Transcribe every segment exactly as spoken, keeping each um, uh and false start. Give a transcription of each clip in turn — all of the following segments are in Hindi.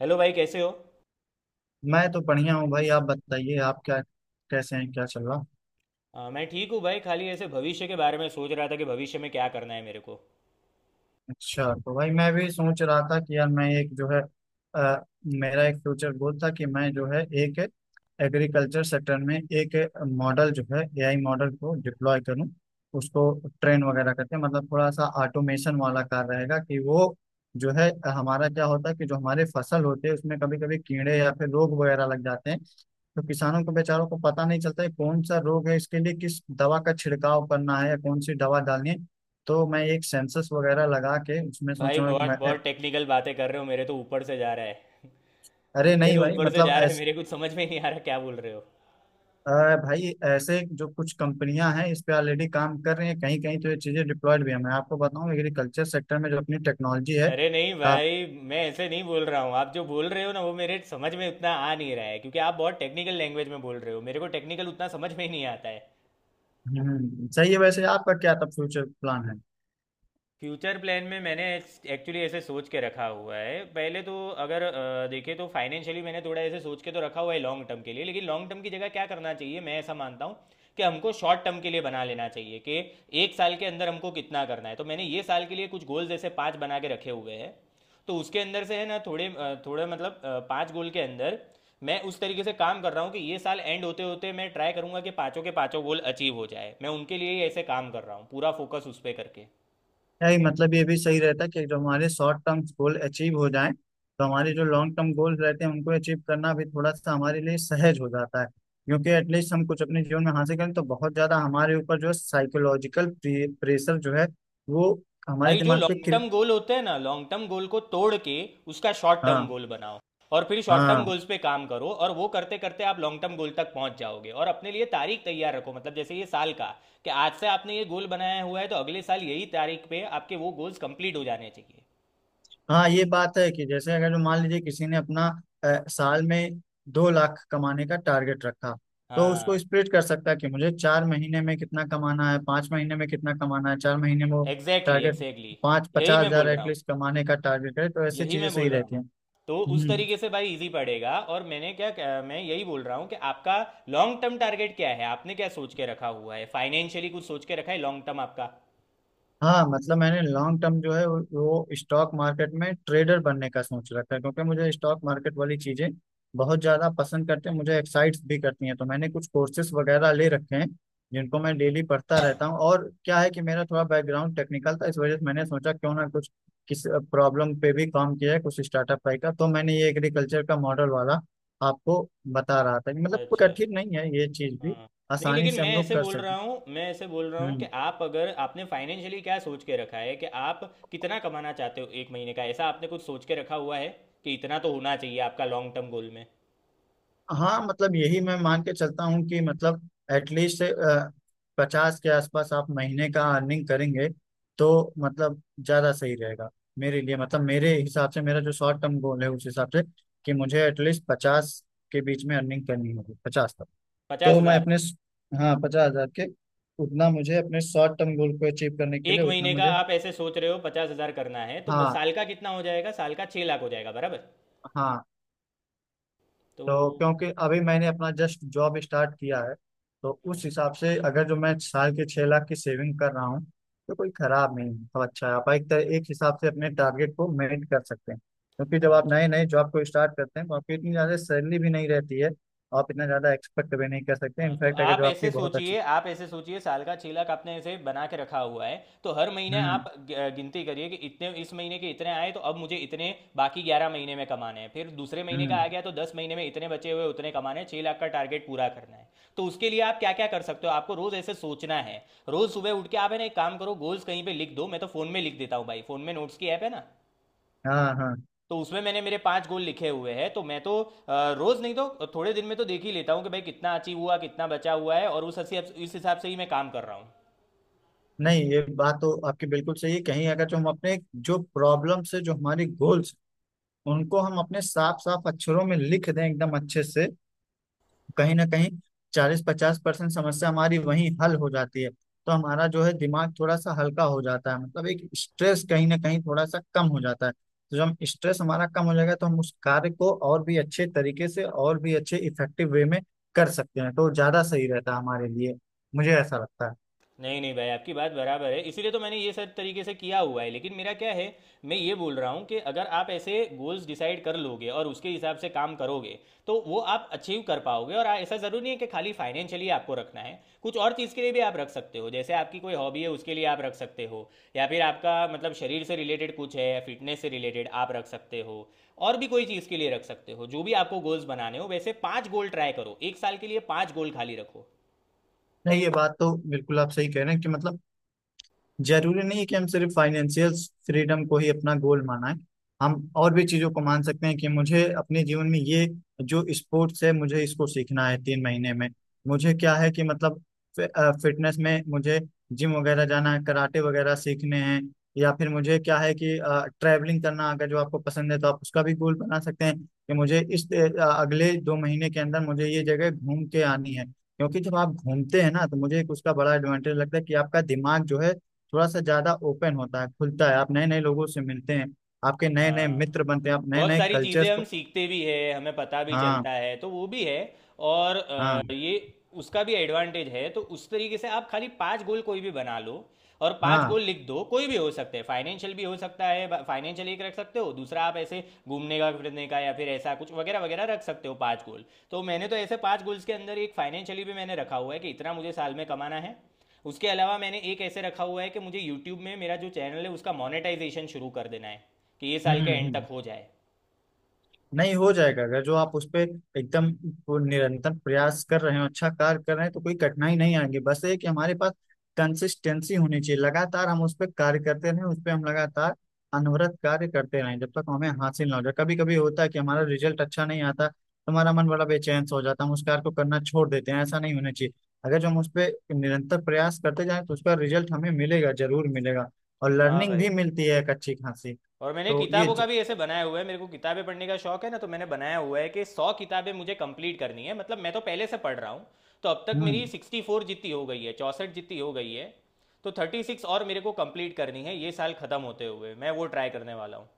हेलो भाई, कैसे हो? मैं तो बढ़िया हूँ भाई, आप बताइए आप क्या कैसे हैं, क्या चल रहा। अ, मैं ठीक हूँ भाई। खाली ऐसे भविष्य के बारे में सोच रहा था कि भविष्य में क्या करना है मेरे को। अच्छा, तो भाई मैं भी सोच रहा था कि यार मैं एक जो है, अ, मेरा एक फ्यूचर गोल था कि मैं जो है एक एग्रीकल्चर सेक्टर में एक मॉडल जो है, एआई मॉडल को डिप्लॉय करूं उसको, ट्रेन वगैरह करके। मतलब थोड़ा सा ऑटोमेशन वाला कार्य रहेगा कि वो जो है, हमारा क्या होता है कि जो हमारे फसल होते हैं उसमें कभी कभी कीड़े या फिर रोग वगैरह लग जाते हैं। तो किसानों को बेचारों को पता नहीं चलता है कौन सा रोग है, इसके लिए किस दवा का छिड़काव करना है या कौन सी दवा डालनी है। तो मैं एक सेंसस वगैरह लगा के उसमें सोच भाई, रहा हूँ कि बहुत मैं- बहुत टेक्निकल बातें कर रहे हो, मेरे तो ऊपर से जा रहा है। अरे मेरे नहीं तो भाई, ऊपर से मतलब जा रहा है, ऐस, मेरे कुछ समझ में नहीं आ रहा क्या बोल रहे हो। अ, भाई ऐसे जो कुछ कंपनियां हैं इस पे ऑलरेडी काम कर रही हैं, कहीं कहीं तो ये चीजें डिप्लॉयड भी है। मैं आपको बताऊं, एग्रीकल्चर सेक्टर में जो अपनी टेक्नोलॉजी है अरे नहीं का। भाई, मैं ऐसे नहीं बोल रहा हूँ। आप जो बोल रहे हो ना, वो मेरे समझ में उतना आ नहीं रहा है, क्योंकि आप बहुत टेक्निकल लैंग्वेज में बोल रहे हो। मेरे को टेक्निकल उतना समझ में ही नहीं आता है। हम्म, सही है। वैसे आपका क्या तब फ्यूचर प्लान है। फ्यूचर प्लान में मैंने एक्चुअली ऐसे सोच के रखा हुआ है। पहले तो, अगर अ, देखें, तो फाइनेंशियली मैंने थोड़ा ऐसे सोच के तो रखा हुआ है लॉन्ग टर्म के लिए, लेकिन लॉन्ग टर्म की जगह क्या करना चाहिए, मैं ऐसा मानता हूँ कि हमको शॉर्ट टर्म के लिए बना लेना चाहिए, कि एक साल के अंदर हमको कितना करना है। तो मैंने ये साल के लिए कुछ गोल जैसे पाँच बना के रखे हुए हैं। तो उसके अंदर से, है ना, थोड़े अ, थोड़े मतलब अ, पाँच गोल के अंदर मैं उस तरीके से काम कर रहा हूँ कि ये साल एंड होते होते मैं ट्राई करूँगा कि पाँचों के पाँचों गोल अचीव हो जाए। मैं उनके लिए ही ऐसे काम कर रहा हूँ, पूरा फोकस उस पर करके। नहीं, मतलब ये भी सही रहता कि जो हमारे शॉर्ट टर्म गोल अचीव हो जाएं तो हमारे जो लॉन्ग टर्म गोल्स रहते हैं उनको अचीव करना भी थोड़ा सा हमारे लिए सहज हो जाता है। क्योंकि एटलीस्ट हम कुछ अपने जीवन में हासिल करें तो बहुत ज्यादा हमारे ऊपर जो साइकोलॉजिकल प्रेशर जो है वो हमारे भाई, जो दिमाग पे। लॉन्ग क्रि- टर्म गोल होते हैं ना, लॉन्ग टर्म गोल को तोड़ के उसका शॉर्ट टर्म हाँ गोल बनाओ, और फिर शॉर्ट टर्म हाँ। गोल्स पे काम करो, और वो करते करते आप लॉन्ग टर्म गोल तक पहुंच जाओगे। और अपने लिए तारीख तैयार रखो, मतलब जैसे ये साल का, कि आज से आपने ये गोल बनाया हुआ है तो अगले साल यही तारीख पे आपके वो गोल्स कंप्लीट हो जाने चाहिए। हाँ, ये बात है कि जैसे अगर जो मान लीजिए किसी ने अपना अ, साल में दो लाख कमाने का टारगेट रखा, तो हाँ, उसको स्प्लिट कर सकता है कि मुझे चार महीने में कितना कमाना है, पाँच महीने में कितना कमाना है, चार महीने में वो एग्जैक्टली टारगेट एग्जैक्टली। पाँच यही पचास मैं बोल हजार रहा हूँ। एटलीस्ट कमाने का टारगेट है। तो ऐसी यही चीजें मैं बोल सही रहा रहती हूँ। हैं। तो उस हम्म। तरीके से भाई इजी पड़ेगा। और मैंने क्या क्या- मैं यही बोल रहा हूँ कि आपका लॉन्ग टर्म टारगेट क्या है? आपने क्या सोच के रखा हुआ है? फाइनेंशियली कुछ सोच के रखा है लॉन्ग टर्म आपका? हाँ, मतलब मैंने लॉन्ग टर्म जो है वो वो स्टॉक मार्केट में ट्रेडर बनने का सोच रखा है, क्योंकि मुझे स्टॉक मार्केट वाली चीजें बहुत ज्यादा पसंद करते हैं, मुझे एक्साइट भी करती हैं। तो मैंने कुछ कोर्सेज वगैरह ले रखे हैं जिनको मैं हम्म, डेली पढ़ता रहता हूँ। और क्या है कि मेरा थोड़ा बैकग्राउंड टेक्निकल था, इस वजह से मैंने सोचा क्यों ना कुछ किस प्रॉब्लम पे भी काम किया है, कुछ स्टार्टअप टाइप का। तो मैंने ये एग्रीकल्चर का मॉडल वाला आपको बता रहा था कि मतलब कोई अच्छा, कठिन नहीं है ये चीज भी, हाँ। नहीं, आसानी लेकिन से मैं हम लोग ऐसे कर बोल सकते रहा हैं। हूँ, मैं ऐसे बोल रहा हूँ कि हम्म। आप, अगर आपने फाइनेंशियली क्या सोच के रखा है, कि आप कितना कमाना चाहते हो एक महीने का, ऐसा आपने कुछ सोच के रखा हुआ है कि इतना तो होना चाहिए आपका लॉन्ग टर्म गोल में? हाँ, मतलब यही मैं मान के चलता हूँ कि मतलब एटलीस्ट पचास के आसपास आप महीने का अर्निंग करेंगे, तो मतलब ज़्यादा सही रहेगा मेरे लिए। मतलब मेरे हिसाब से मेरा जो शॉर्ट टर्म गोल है उस हिसाब से कि मुझे एटलीस्ट पचास के बीच में अर्निंग करनी होगी, पचास तक। तो पचास मैं हजार अपने, हाँ, पचास हजार के, उतना मुझे अपने शॉर्ट टर्म गोल को अचीव करने के लिए एक उतना महीने का मुझे। आप ऐसे सोच रहे हो पचास हजार करना है, तो म- हाँ साल का कितना हो जाएगा? साल का छः लाख हो जाएगा बराबर। हाँ। तो तो क्योंकि अभी मैंने अपना जस्ट जॉब स्टार्ट किया है, तो हम्म, उस हिसाब से अगर जो मैं साल के छह लाख की सेविंग कर रहा हूँ तो कोई खराब नहीं है। तो अच्छा है, आप एक तरह एक हिसाब से अपने टारगेट को मेट कर सकते हैं, क्योंकि जब आप अच्छा, नए नए जॉब को स्टार्ट करते हैं तो आपकी इतनी ज़्यादा सैलरी भी नहीं रहती है। आप इतना ज़्यादा एक्सपेक्ट भी नहीं कर सकते। हाँ, तो इनफैक्ट अगर आप जो आपकी ऐसे बहुत अच्छी। सोचिए, आप ऐसे सोचिए, साल का छह लाख आपने ऐसे बना के रखा हुआ है, तो हर महीने आप हम्म ग- गिनती करिए कि इतने इस महीने के इतने आए, तो अब मुझे इतने बाकी ग्यारह महीने में कमाने हैं। फिर दूसरे महीने का हम्म। आ गया तो दस महीने में इतने बचे हुए उतने कमाने हैं, छह लाख का टारगेट पूरा करना है। तो उसके लिए आप क्या क्या कर सकते हो, आपको रोज ऐसे सोचना है। रोज सुबह उठ के आप, है ना, एक काम करो, गोल्स कहीं पे लिख दो। मैं तो फोन में लिख देता हूँ भाई, फोन में नोट्स की ऐप है ना, हाँ हाँ। तो उसमें मैंने मेरे पांच गोल लिखे हुए हैं। तो मैं तो अ, रोज नहीं तो थोड़े दिन में तो देख ही लेता हूँ कि भाई कितना अचीव हुआ, कितना बचा हुआ है, और उस हसी- इस हिसाब से ही मैं काम कर रहा हूँ। नहीं, ये बात तो आपकी बिल्कुल सही है, कहीं अगर जो हम अपने जो प्रॉब्लम से जो हमारी गोल उनको हम अपने साफ साफ अक्षरों में लिख दें एकदम अच्छे से, कहीं ना कहीं चालीस पचास परसेंट समस्या हमारी वहीं हल हो जाती है। तो हमारा जो है दिमाग थोड़ा सा हल्का हो जाता है, मतलब एक स्ट्रेस कहीं ना कहीं थोड़ा सा कम हो जाता है। तो जब स्ट्रेस हमारा कम हो जाएगा तो हम उस कार्य को और भी अच्छे तरीके से और भी अच्छे इफेक्टिव वे में कर सकते हैं। तो ज्यादा सही रहता है हमारे लिए, मुझे ऐसा लगता है। नहीं नहीं भाई, आपकी बात बराबर है, इसीलिए तो मैंने ये सब तरीके से किया हुआ है, लेकिन मेरा क्या है, मैं ये बोल रहा हूँ कि अगर आप ऐसे गोल्स डिसाइड कर लोगे और उसके हिसाब से काम करोगे तो वो आप अचीव कर पाओगे। और ऐसा ज़रूरी नहीं है कि खाली फाइनेंशियली आपको रखना है, कुछ और चीज़ के लिए भी आप रख सकते हो। जैसे आपकी कोई हॉबी है उसके लिए आप रख सकते हो, या फिर आपका मतलब शरीर से रिलेटेड कुछ है, फिटनेस से रिलेटेड आप रख सकते हो, और भी कोई चीज़ के लिए रख सकते हो। जो भी आपको गोल्स बनाने हो, वैसे पाँच गोल ट्राई करो, एक साल के लिए पाँच गोल खाली रखो। नहीं, ये बात तो बिल्कुल आप सही कह रहे हैं कि मतलब जरूरी नहीं है कि हम सिर्फ फाइनेंशियल फ्रीडम को ही अपना गोल माना है। हम और भी चीजों को मान सकते हैं कि मुझे अपने जीवन में ये जो स्पोर्ट्स है मुझे इसको सीखना है तीन महीने में। मुझे क्या है कि मतलब फिटनेस में मुझे जिम वगैरह जाना है, कराटे वगैरह सीखने हैं। या फिर मुझे क्या है कि ट्रैवलिंग करना अगर जो आपको पसंद है तो आप उसका भी गोल बना सकते हैं कि मुझे इस अ, अगले दो महीने के अंदर मुझे ये जगह घूम के आनी है। क्योंकि जब आप घूमते हैं ना तो मुझे एक उसका बड़ा एडवांटेज लगता है कि आपका दिमाग जो है थोड़ा सा ज्यादा ओपन होता है, खुलता है। आप नए नए लोगों से मिलते हैं, आपके नए नए हाँ, मित्र बनते हैं, आप नए बहुत नए सारी चीज़ें कल्चर्स हम को। सीखते भी है, हमें पता भी हाँ। चलता है, तो वो भी है। और अ, हाँ। ये उसका भी एडवांटेज है। तो उस तरीके से आप खाली पांच गोल कोई भी बना लो, और पांच हाँ गोल लिख दो। कोई भी हो सकते हैं, फाइनेंशियल भी हो सकता है, फाइनेंशियल एक रख सकते हो, दूसरा आप ऐसे घूमने का फिरने का या फिर ऐसा कुछ वगैरह वगैरह रख सकते हो, पांच गोल। तो मैंने तो ऐसे पांच गोल्स के अंदर एक फाइनेंशियली भी मैंने रखा हुआ है, कि इतना मुझे साल में कमाना है। उसके अलावा मैंने एक ऐसे रखा हुआ है कि मुझे यूट्यूब में मेरा जो चैनल है उसका मोनेटाइजेशन शुरू कर देना है, कि ये साल हम्म के एंड हम्म। तक हो जाए। नहीं हो जाएगा अगर जो आप उस पे एकदम वो निरंतर प्रयास कर रहे हो, अच्छा कार्य कर रहे हैं तो कोई कठिनाई नहीं आएगी। बस ये कि हमारे पास कंसिस्टेंसी होनी चाहिए, लगातार हम उस पर कार्य करते रहें, उस पर हम लगातार अनवरत कार्य करते रहें जब तक हमें हासिल ना हो जाए। कभी कभी होता है कि हमारा रिजल्ट अच्छा नहीं आता तो हमारा मन बड़ा बेचैन सा हो जाता है, हम उस कार्य को करना छोड़ देते हैं, ऐसा नहीं होना चाहिए। अगर जो हम उस पर निरंतर प्रयास करते जाएं तो उसका रिजल्ट हमें मिलेगा, जरूर मिलेगा। और हाँ लर्निंग भी भाई। मिलती है एक अच्छी खासी। और मैंने तो ये किताबों ज... का भी ऐसे बनाया हुआ है, मेरे को किताबें पढ़ने का शौक है ना, तो मैंने बनाया हुआ है कि सौ किताबें मुझे कंप्लीट करनी है। मतलब मैं तो पहले से पढ़ रहा हूँ, तो अब तक मेरी हम्म। सिक्सटी फोर जितनी हो गई है, चौंसठ जितनी हो गई है। तो थर्टी सिक्स और मेरे को कंप्लीट करनी है, ये साल खत्म होते हुए मैं वो ट्राई करने वाला हूँ।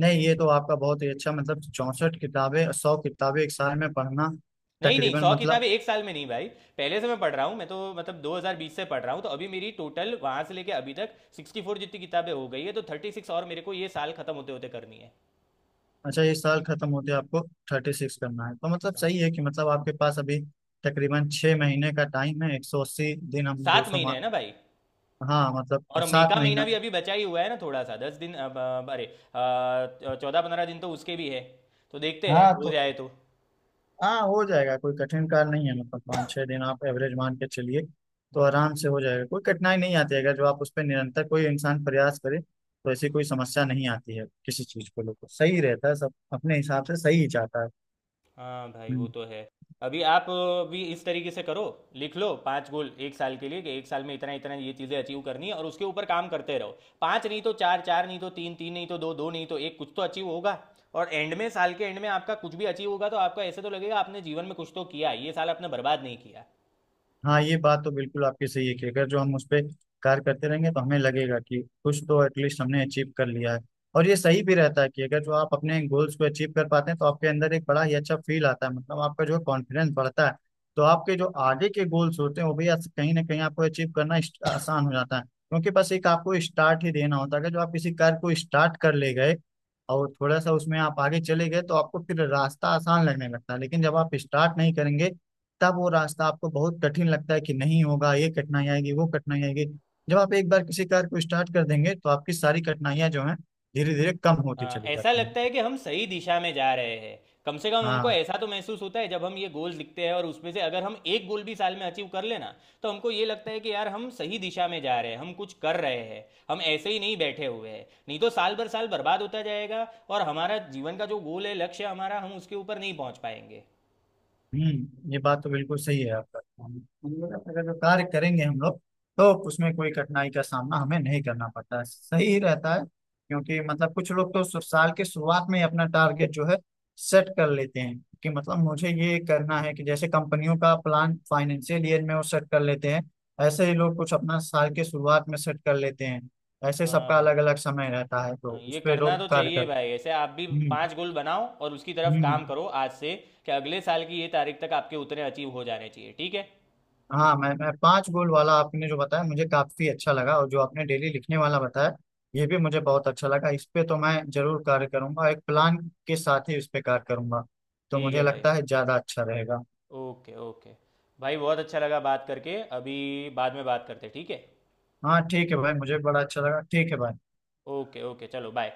नहीं, ये तो आपका बहुत ही अच्छा, मतलब चौसठ किताबें, सौ किताबें एक साल में पढ़ना नहीं नहीं, तकरीबन, सौ मतलब। किताबें एक साल में नहीं भाई, पहले से मैं पढ़ रहा हूँ, मैं तो मतलब दो हज़ार बीस से पढ़ रहा हूँ। तो अभी मेरी टोटल वहां से लेके अभी तक सिक्सटी फोर जितनी किताबें हो गई है, तो थर्टी सिक्स और मेरे को ये साल खत्म होते होते करनी है। अच्छा, ये साल खत्म होते आपको थर्टी सिक्स करना है? तो मतलब हाँ, सही है कि मतलब आपके पास अभी तकरीबन छः महीने का टाइम है, एक सौ अस्सी दिन, हम दो सात सौ महीने है ना भाई, हाँ मतलब और मई सात का महीना महीना भी अभी बचा ही हुआ है ना, थोड़ा सा दस दिन, अब, अब, अरे अ, चौदह पंद्रह दिन तो उसके भी है। तो देखते हैं हाँ। हो तो जाए तो। हाँ, हो जाएगा, कोई कठिन कार्य नहीं है, मतलब पाँच छः दिन आप एवरेज मान के चलिए, तो हम्म, आराम से हो जाएगा, कोई कठिनाई नहीं आती है। अगर जो आप उस पर निरंतर कोई इंसान प्रयास करे तो ऐसी कोई समस्या नहीं आती है किसी चीज को लेकर, सही रहता है सब अपने हिसाब हम्म। से सही ही जाता है। हाँ भाई, वो हम्म। तो है। अभी आप अ, भी इस तरीके से करो, लिख लो पांच गोल एक साल के लिए, कि एक साल में इतना इतना ये चीज़ें अचीव करनी है और उसके ऊपर काम करते रहो। पांच नहीं तो चार, चार नहीं तो तीन, तीन नहीं तो दो, दो नहीं तो एक, कुछ तो अचीव होगा। और एंड में, साल के एंड में आपका कुछ भी अचीव होगा तो आपका ऐसे तो लगेगा आपने जीवन में कुछ तो किया, ये साल आपने बर्बाद नहीं किया। हाँ, ये बात तो बिल्कुल आपकी सही है कि अगर जो हम उस पर कार्य करते रहेंगे तो हमें लगेगा कि कुछ तो एटलीस्ट हमने अचीव कर लिया है। और ये सही भी रहता है कि अगर जो आप अपने गोल्स को अचीव कर पाते हैं तो आपके अंदर एक बड़ा ही अच्छा फील आता है, मतलब आपका जो कॉन्फिडेंस बढ़ता है। तो आपके जो आगे के गोल्स होते हैं वो भी आस- कहीं ना कहीं आपको अचीव करना इस- आसान हो जाता है, क्योंकि बस एक आपको स्टार्ट ही देना होता है। अगर जो आप किसी कार्य को स्टार्ट कर ले गए और थोड़ा सा उसमें आप आगे चले गए तो आपको फिर रास्ता आसान लगने लगता है। लेकिन जब आप स्टार्ट नहीं करेंगे तब वो रास्ता आपको बहुत कठिन लगता है कि नहीं होगा, ये कठिनाई आएगी, वो कठिनाई आएगी। जब आप एक बार किसी कार्य को स्टार्ट कर देंगे तो आपकी सारी कठिनाइयां जो हैं धीरे धीरे कम होती हाँ, चली ऐसा जाती हैं। लगता है कि हम सही दिशा में जा रहे हैं। कम से कम हमको हाँ। ऐसा तो महसूस होता है जब हम ये गोल लिखते हैं, और उसमें से अगर हम एक गोल भी साल में अचीव कर लेना, तो हमको ये लगता है कि यार हम सही दिशा में जा रहे हैं, हम कुछ कर रहे हैं, हम ऐसे ही नहीं बैठे हुए हैं। नहीं तो साल भर साल बर्बाद होता जाएगा, और हमारा जीवन का जो गोल है, लक्ष्य हमारा, हम उसके ऊपर नहीं पहुंच पाएंगे। हम्म, ये बात तो बिल्कुल सही है आपका। हम हम लोग अगर जो कार्य करेंगे हम लोग, तो उसमें कोई कठिनाई का सामना हमें नहीं करना पड़ता है, सही रहता है। क्योंकि मतलब कुछ लोग तो सु- साल के शुरुआत में ही अपना टारगेट जो है सेट कर लेते हैं कि मतलब मुझे ये करना है, कि जैसे कंपनियों का प्लान फाइनेंशियल ईयर में वो सेट कर लेते हैं। ऐसे ही लोग कुछ अपना साल के शुरुआत में सेट कर लेते हैं। ऐसे हाँ सबका भाई। अलग अलग समय रहता है हाँ, तो उस ये पर करना लोग तो कार्य चाहिए कर। भाई। ऐसे आप भी हम्म पांच गोल बनाओ और उसकी तरफ हम्म। काम करो आज से, कि अगले साल की ये तारीख तक आपके उतने अचीव हो जाने चाहिए, ठीक है? हाँ, मैं मैं पांच गोल वाला आपने जो बताया मुझे काफी अच्छा लगा। और जो आपने डेली लिखने वाला बताया ये भी मुझे बहुत अच्छा लगा। इस पे तो मैं जरूर कार्य करूंगा, एक प्लान के साथ ही इस पे कार्य करूंगा, तो ठीक मुझे है भाई। लगता है ज्यादा अच्छा रहेगा। Okay okay. भाई बहुत अच्छा लगा बात करके। अभी बाद में बात करते हैं, ठीक है? हाँ ठीक है भाई, मुझे बड़ा अच्छा लगा। ठीक है भाई। ओके ओके, चलो बाय।